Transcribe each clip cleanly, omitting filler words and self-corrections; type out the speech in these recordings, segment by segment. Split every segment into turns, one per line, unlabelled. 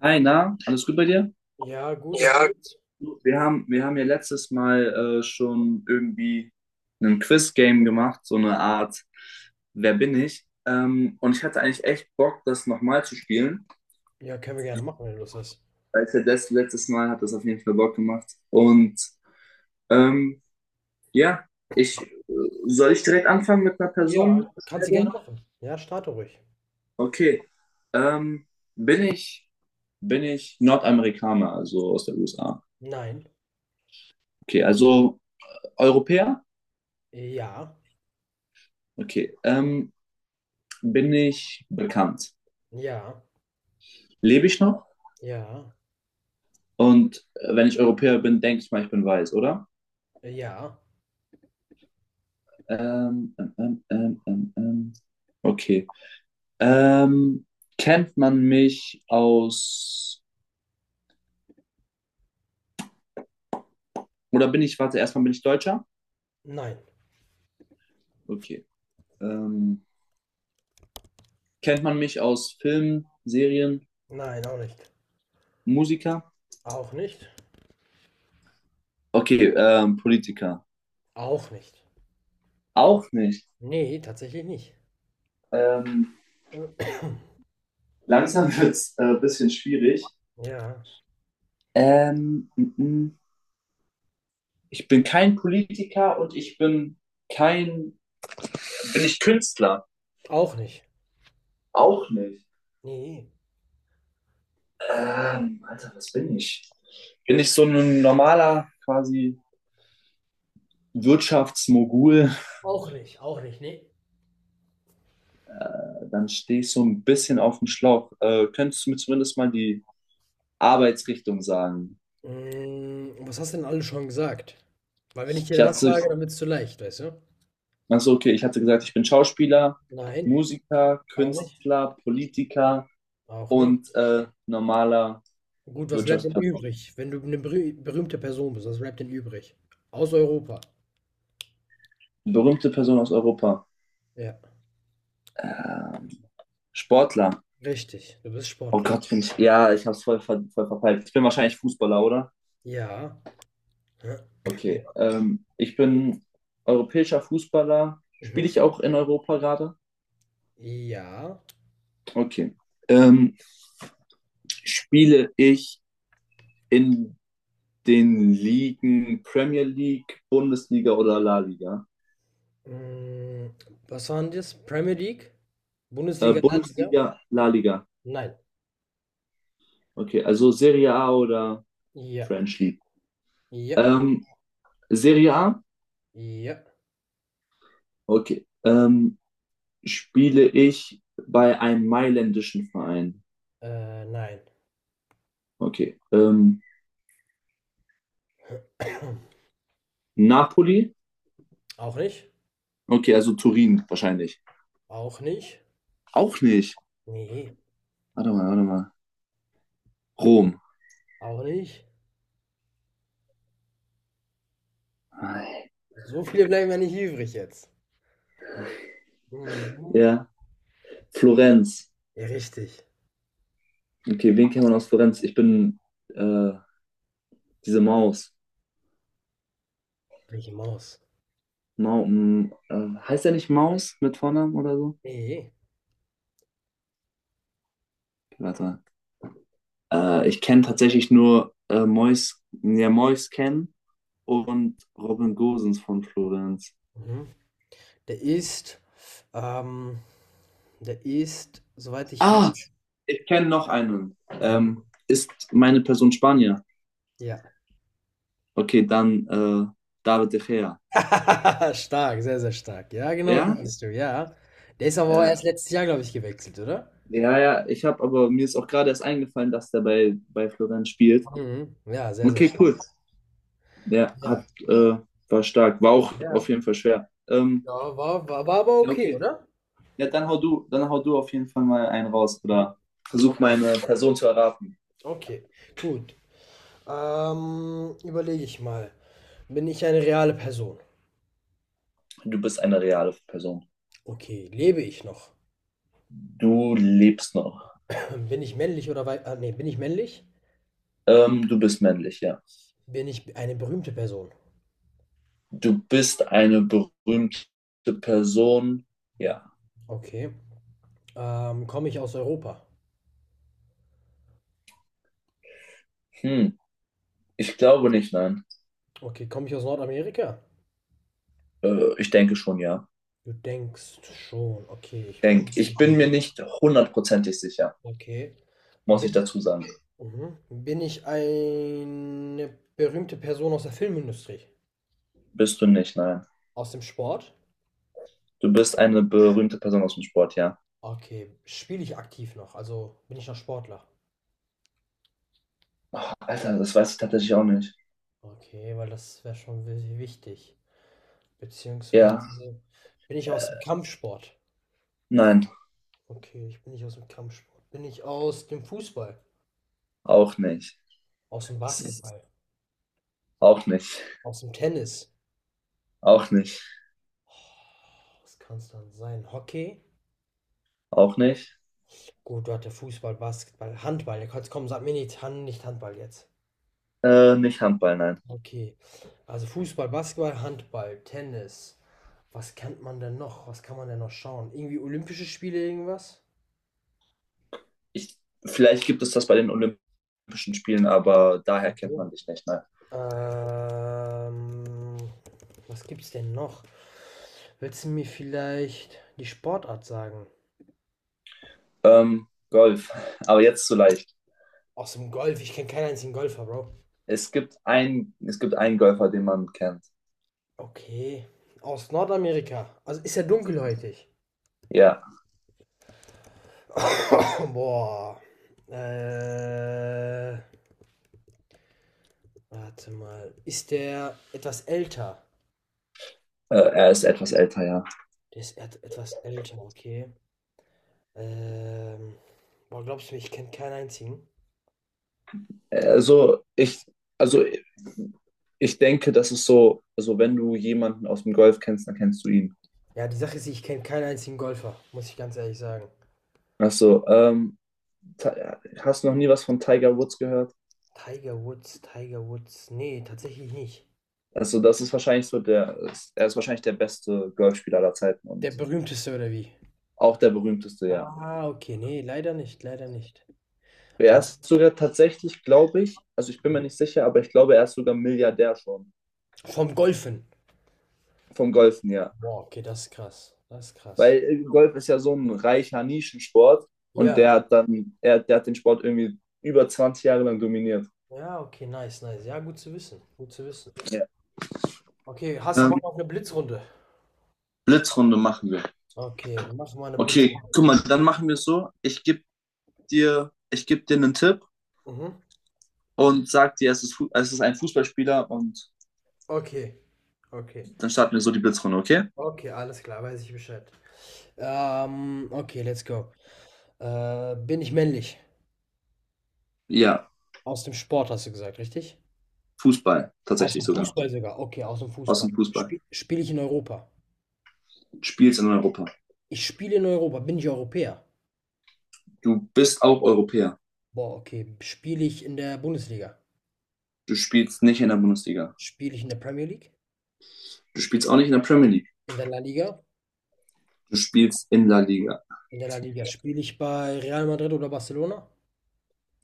Hi, na, alles gut bei dir?
Ja, gut und
Ja.
sonst?
Wir haben ja letztes Mal schon irgendwie ein Quiz-Game gemacht, so eine Art Wer bin ich? Und ich hatte eigentlich echt Bock, das nochmal zu spielen.
Ja, können wir gerne machen, wenn du Lust hast.
Weil ich ja das letztes Mal hat das auf jeden Fall Bock gemacht. Und ähm, ja, ich soll ich direkt anfangen mit einer
Ja, kannst du gerne
Personenstellung?
machen. Ja, starte ruhig.
Okay. Ähm, bin ich, bin ich Nordamerikaner, also aus der USA?
Nein.
Okay, also Europäer?
Ja.
Okay, bin ich bekannt?
Ja.
Lebe ich noch?
Ja.
Und wenn ich Europäer bin, denke ich mal, ich bin weiß, oder?
Ja.
Ähm, ähm, ähm, ähm, ähm. ähm. Okay. Ähm, kennt man mich aus, oder bin ich, warte, erstmal bin ich Deutscher?
Nein.
Okay. Ähm, kennt man mich aus Filmen, Serien,
Nein, auch nicht.
Musiker?
Auch nicht?
Okay, Politiker.
Auch nicht.
Auch nicht.
Nee, tatsächlich nicht.
Ähm, langsam wird es ein bisschen schwierig.
Ja.
Ähm, mm, mm. Ich bin kein Politiker und ich bin kein. Bin ich Künstler?
Auch nicht.
Auch nicht.
Nee.
Alter, was bin ich? Bin ich so ein normaler quasi Wirtschaftsmogul?
Auch nicht. Auch nicht. Nee.
Dann stehe ich so ein bisschen auf dem Schlauch. Könntest du mir zumindest mal die Arbeitsrichtung sagen?
Mm, was hast du denn alles schon gesagt? Weil wenn ich
Ich
dir das
hatte,
sage, dann wird's zu leicht, weißt du?
also okay, ich hatte gesagt, ich bin Schauspieler,
Nein.
Musiker,
Auch nicht.
Künstler, Politiker
Auch nicht.
und normaler
Gut, was bleibt denn
Wirtschaftsperson.
übrig, wenn du eine berühmte Person bist? Was bleibt denn übrig? Aus Europa.
Berühmte Person aus Europa.
Ja,
Äh, Sportler.
richtig. Du bist
Oh
Sportler.
Gott, bin ich. Ja, ich hab's voll, ver voll verpeilt. Ich bin wahrscheinlich Fußballer, oder?
Ja. Hä?
Okay. Ich bin europäischer Fußballer. Spiele
Mhm.
ich auch in Europa gerade?
Ja.
Okay. Ähm, spiele ich in den Ligen Premier League, Bundesliga oder La Liga?
Hm, was waren das? Premier League? Bundesliga, La Liga?
Bundesliga, La Liga.
Nein.
Okay, also Serie A oder
Ja.
French League.
Ja.
Ähm, Serie A?
Ja.
Okay. Spiele ich bei einem mailändischen Verein.
Nein.
Okay. Napoli?
Auch nicht.
Okay, also Turin wahrscheinlich.
Auch nicht.
Auch nicht.
Ne,
Warte mal. Rom.
auch nicht. So viele bleiben ja nicht übrig jetzt. Mhm.
Ja. Florenz.
Ja, richtig.
Okay, wen kennt man aus Florenz? Ich bin äh, diese Maus.
Micky Maus.
Heißt er nicht Maus mit Vornamen oder so?
Ne.
Okay, warte mal. Ich kenne tatsächlich nur Mois, ja, Mois Ken und Robin Gosens von Florenz.
Mhm. Der ist, ähm der ist, soweit ich
Ah,
weiß,
ich kenne noch einen. Ist meine Person Spanier?
ja.
Okay, dann David De Gea.
Stark, sehr, sehr stark. Ja, genau,
Ja?
den bist du, ja. Der ist aber auch erst
Ja,
letztes Jahr, glaube ich, gewechselt, oder?
ja. Ich habe aber mir ist auch gerade erst eingefallen, dass der bei Florenz spielt.
Mhm. Ja, sehr, sehr
Okay,
stark.
cool. Der
Ja,
hat, äh, war stark. War auch
ja.
auf jeden Fall schwer.
Ja, war aber
Ja,
okay,
okay.
oder?
Ja, dann hau du auf jeden Fall mal einen raus
Mhm.
oder versuch
Okay,
meine Person zu erraten.
okay, gut. Überlege ich mal. Bin ich eine reale Person?
Du bist eine reale Person.
Okay, lebe ich noch?
Du lebst noch.
Bin ich männlich oder weiblich? Ah, ne, bin ich männlich?
Du bist männlich, ja.
Bin ich eine berühmte Person?
Du bist eine berühmte Person. Ja.
Okay. Komme ich aus Europa?
Hm. Ich glaube nicht, nein.
Okay, komme ich aus Nordamerika?
Ich denke schon, ja.
Du denkst schon. Okay, ich bin.
Denk. Ich bin mir nicht hundertprozentig sicher,
Okay.
muss ich
Bin,
dazu sagen.
mhm. Bin ich eine berühmte Person aus der Filmindustrie?
Bist du nicht, nein.
Aus dem Sport?
Du bist eine berühmte Person aus dem Sport, ja.
Okay, spiele ich aktiv noch? Also bin ich noch Sportler?
Ach, Alter, das weiß ich tatsächlich auch nicht.
Okay, weil das wäre schon wichtig.
Ja,
Beziehungsweise bin ich aus dem Kampfsport?
nein,
Okay, ich bin nicht aus dem Kampfsport. Bin ich aus dem Fußball?
auch nicht.
Aus dem
Es ist-
Basketball?
Auch nicht.
Aus dem Tennis?
Auch nicht.
Was kann es dann sein? Hockey?
Auch nicht.
Gut, du hatte Fußball, Basketball, Handball. Jetzt komm, sag mir nicht, Hand, nicht Handball jetzt.
Nicht Handball, nein.
Okay. Also Fußball, Basketball, Handball, Tennis. Was kennt man denn noch? Was kann man denn noch schauen? Irgendwie Olympische Spiele, irgendwas?
Ich, vielleicht gibt es das bei den Olympischen Spielen, aber daher kennt
So.
man dich nicht, nein.
Ähm, Was gibt's denn noch? Willst du mir vielleicht die Sportart sagen?
Golf, aber jetzt zu leicht.
Aus dem Golf. Ich kenne keinen einzigen Golfer, Bro.
Es gibt einen Golfer, den man kennt.
Okay. Aus Nordamerika. Also ist ja dunkelhäutig.
Ja,
Boah. Äh, Warte mal. Ist der etwas älter?
er ist etwas älter, ja.
Der ist et etwas älter, okay. Ähm, Boah, glaubst du mir, ich kenne keinen einzigen?
Also ich, also ich denke, das ist so, also wenn du jemanden aus dem Golf kennst, dann kennst du ihn.
Ja, die Sache ist, ich kenne keinen einzigen Golfer, muss ich ganz ehrlich sagen.
Also, Ti- hast du noch nie was von Tiger Woods gehört?
Tiger Woods, Tiger Woods. Nee, tatsächlich nicht.
Also, das ist wahrscheinlich so der, er ist wahrscheinlich der beste Golfspieler aller Zeiten
Der
und
berühmteste oder wie?
auch der berühmteste, ja.
Ah, okay. Nee, leider nicht, leider nicht.
Er
Ah,
ist sogar tatsächlich, glaube ich, also ich bin mir
mhm,
nicht sicher, aber ich glaube, er ist sogar Milliardär schon.
vom Golfen.
Vom Golfen, ja.
Boah, okay, das ist krass. Das ist krass.
Weil Golf ist ja so ein reicher Nischensport und
Ja.
der hat den Sport irgendwie über 20 Jahre lang dominiert.
Ja, okay, nice, nice. Ja, gut zu wissen. Gut zu wissen.
Ja.
Okay, hast du
Ähm,
Bock auf eine Blitzrunde?
Blitzrunde machen wir.
Okay, wir machen mal eine
Okay,
Blitzrunde.
guck mal, dann machen wir es so. Ich geb dir einen Tipp
Mhm.
und sag dir, es ist ein Fußballspieler und
Okay, okay.
dann starten wir so die Blitzrunde, okay?
Okay, alles klar, weiß ich Bescheid. Okay, let's go. Bin ich männlich?
Ja,
Aus dem Sport hast du gesagt, richtig?
Fußball,
Aus
tatsächlich
dem
sogar.
Fußball sogar. Okay, aus dem
Aus
Fußball.
dem Fußball.
Spiele ich in Europa?
Du spielst in Europa.
Ich spiele in Europa. Bin ich Europäer?
Du bist auch Europäer.
Boah, okay. Spiele ich in der Bundesliga?
Du spielst nicht in der Bundesliga.
Spiele ich in der Premier League?
Du spielst auch nicht in der Premier League.
In der La Liga?
Du spielst in La Liga.
In der La Liga. Spiele ich bei Real Madrid oder Barcelona?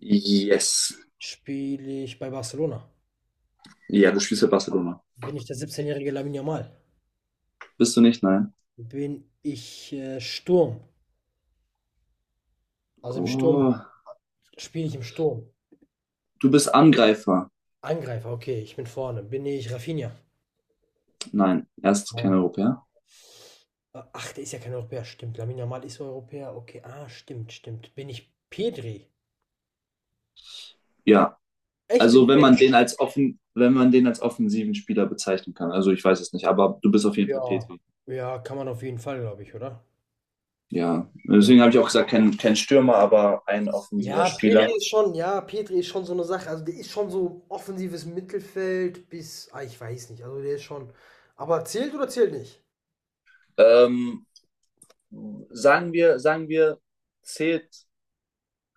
Yes.
Spiele ich bei Barcelona?
Ja, du spielst für Barcelona.
Bin ich der 17-jährige Lamine Yamal?
Bist du nicht? Nein.
Bin ich Sturm. Also im Sturm,
Oh,
spiele ich im Sturm.
du bist Angreifer.
Angreifer, okay, ich bin vorne. Bin ich Rafinha?
Nein, er ist kein
Wow.
Europäer.
Ach, der ist ja kein Europäer. Stimmt, Lamine Yamal ist Europäer. Okay, ah, stimmt, stimmt. Bin ich Pedri?
Ja,
Echt, bin
also
ich
wenn
Pedri?
man den wenn man den als offensiven Spieler bezeichnen kann. Also ich weiß es nicht, aber du bist auf jeden Fall
Ja.
Petri.
Ja, kann man auf jeden Fall, glaube ich, oder?
Ja, deswegen habe
Ja.
ich auch gesagt, kein Stürmer, aber ein offensiver
Ja,
Spieler.
Pedri ist schon so eine Sache. Also der ist schon so offensives Mittelfeld bis, ah, ich weiß nicht. Also der ist schon. Aber zählt oder zählt nicht?
Ähm, sagen wir, zählt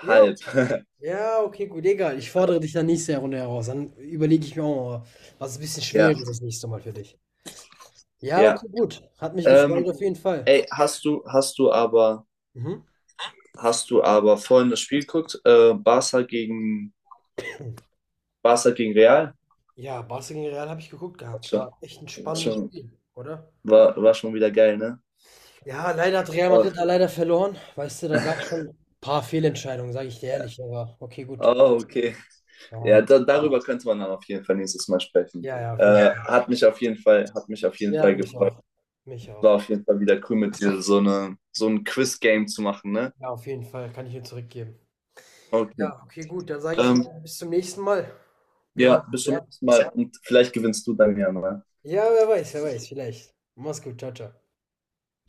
Ja,
halb.
okay. Ja, okay, gut, egal. Ich fordere dich dann nächste Runde heraus. Dann überlege ich mir auch mal, was ein bisschen
Ja,
schwerer ist das nächste Mal für dich. Ja,
ja.
okay, gut. Hat mich gefreut
Ähm,
auf jeden Fall.
ey, hast du, hast du aber
Mhm.
Hast du aber vorhin das Spiel geguckt, Barca gegen Real?
Ja, Barca gegen Real habe ich geguckt gehabt.
Schon,
War echt ein spannendes
schon,
Spiel, oder?
war schon wieder geil, ne?
Ja, leider hat Real
Oh,
Madrid da leider verloren. Weißt du, da gab es schon ein paar Fehlentscheidungen, sage ich dir ehrlich. Aber okay, gut.
oh okay. Ja,
Ja,
darüber könnte man dann auf jeden Fall nächstes Mal sprechen.
ja, ja, auf jeden Fall.
Hat mich auf jeden
Ja,
Fall
mich
gefreut.
auch. Mich auch.
War auf jeden Fall wieder cool mit dir, so ein Quiz-Game zu machen, ne?
Ja, auf jeden Fall. Kann ich dir zurückgeben.
Okay.
Ja, okay, gut. Dann sage ich
Ähm,
mal, bis zum nächsten Mal. Wir
ja,
hören uns,
bis zum
ja.
nächsten Mal und vielleicht gewinnst du dann ja mal.
Ja, wer weiß, vielleicht. Mach's gut, ciao, ciao.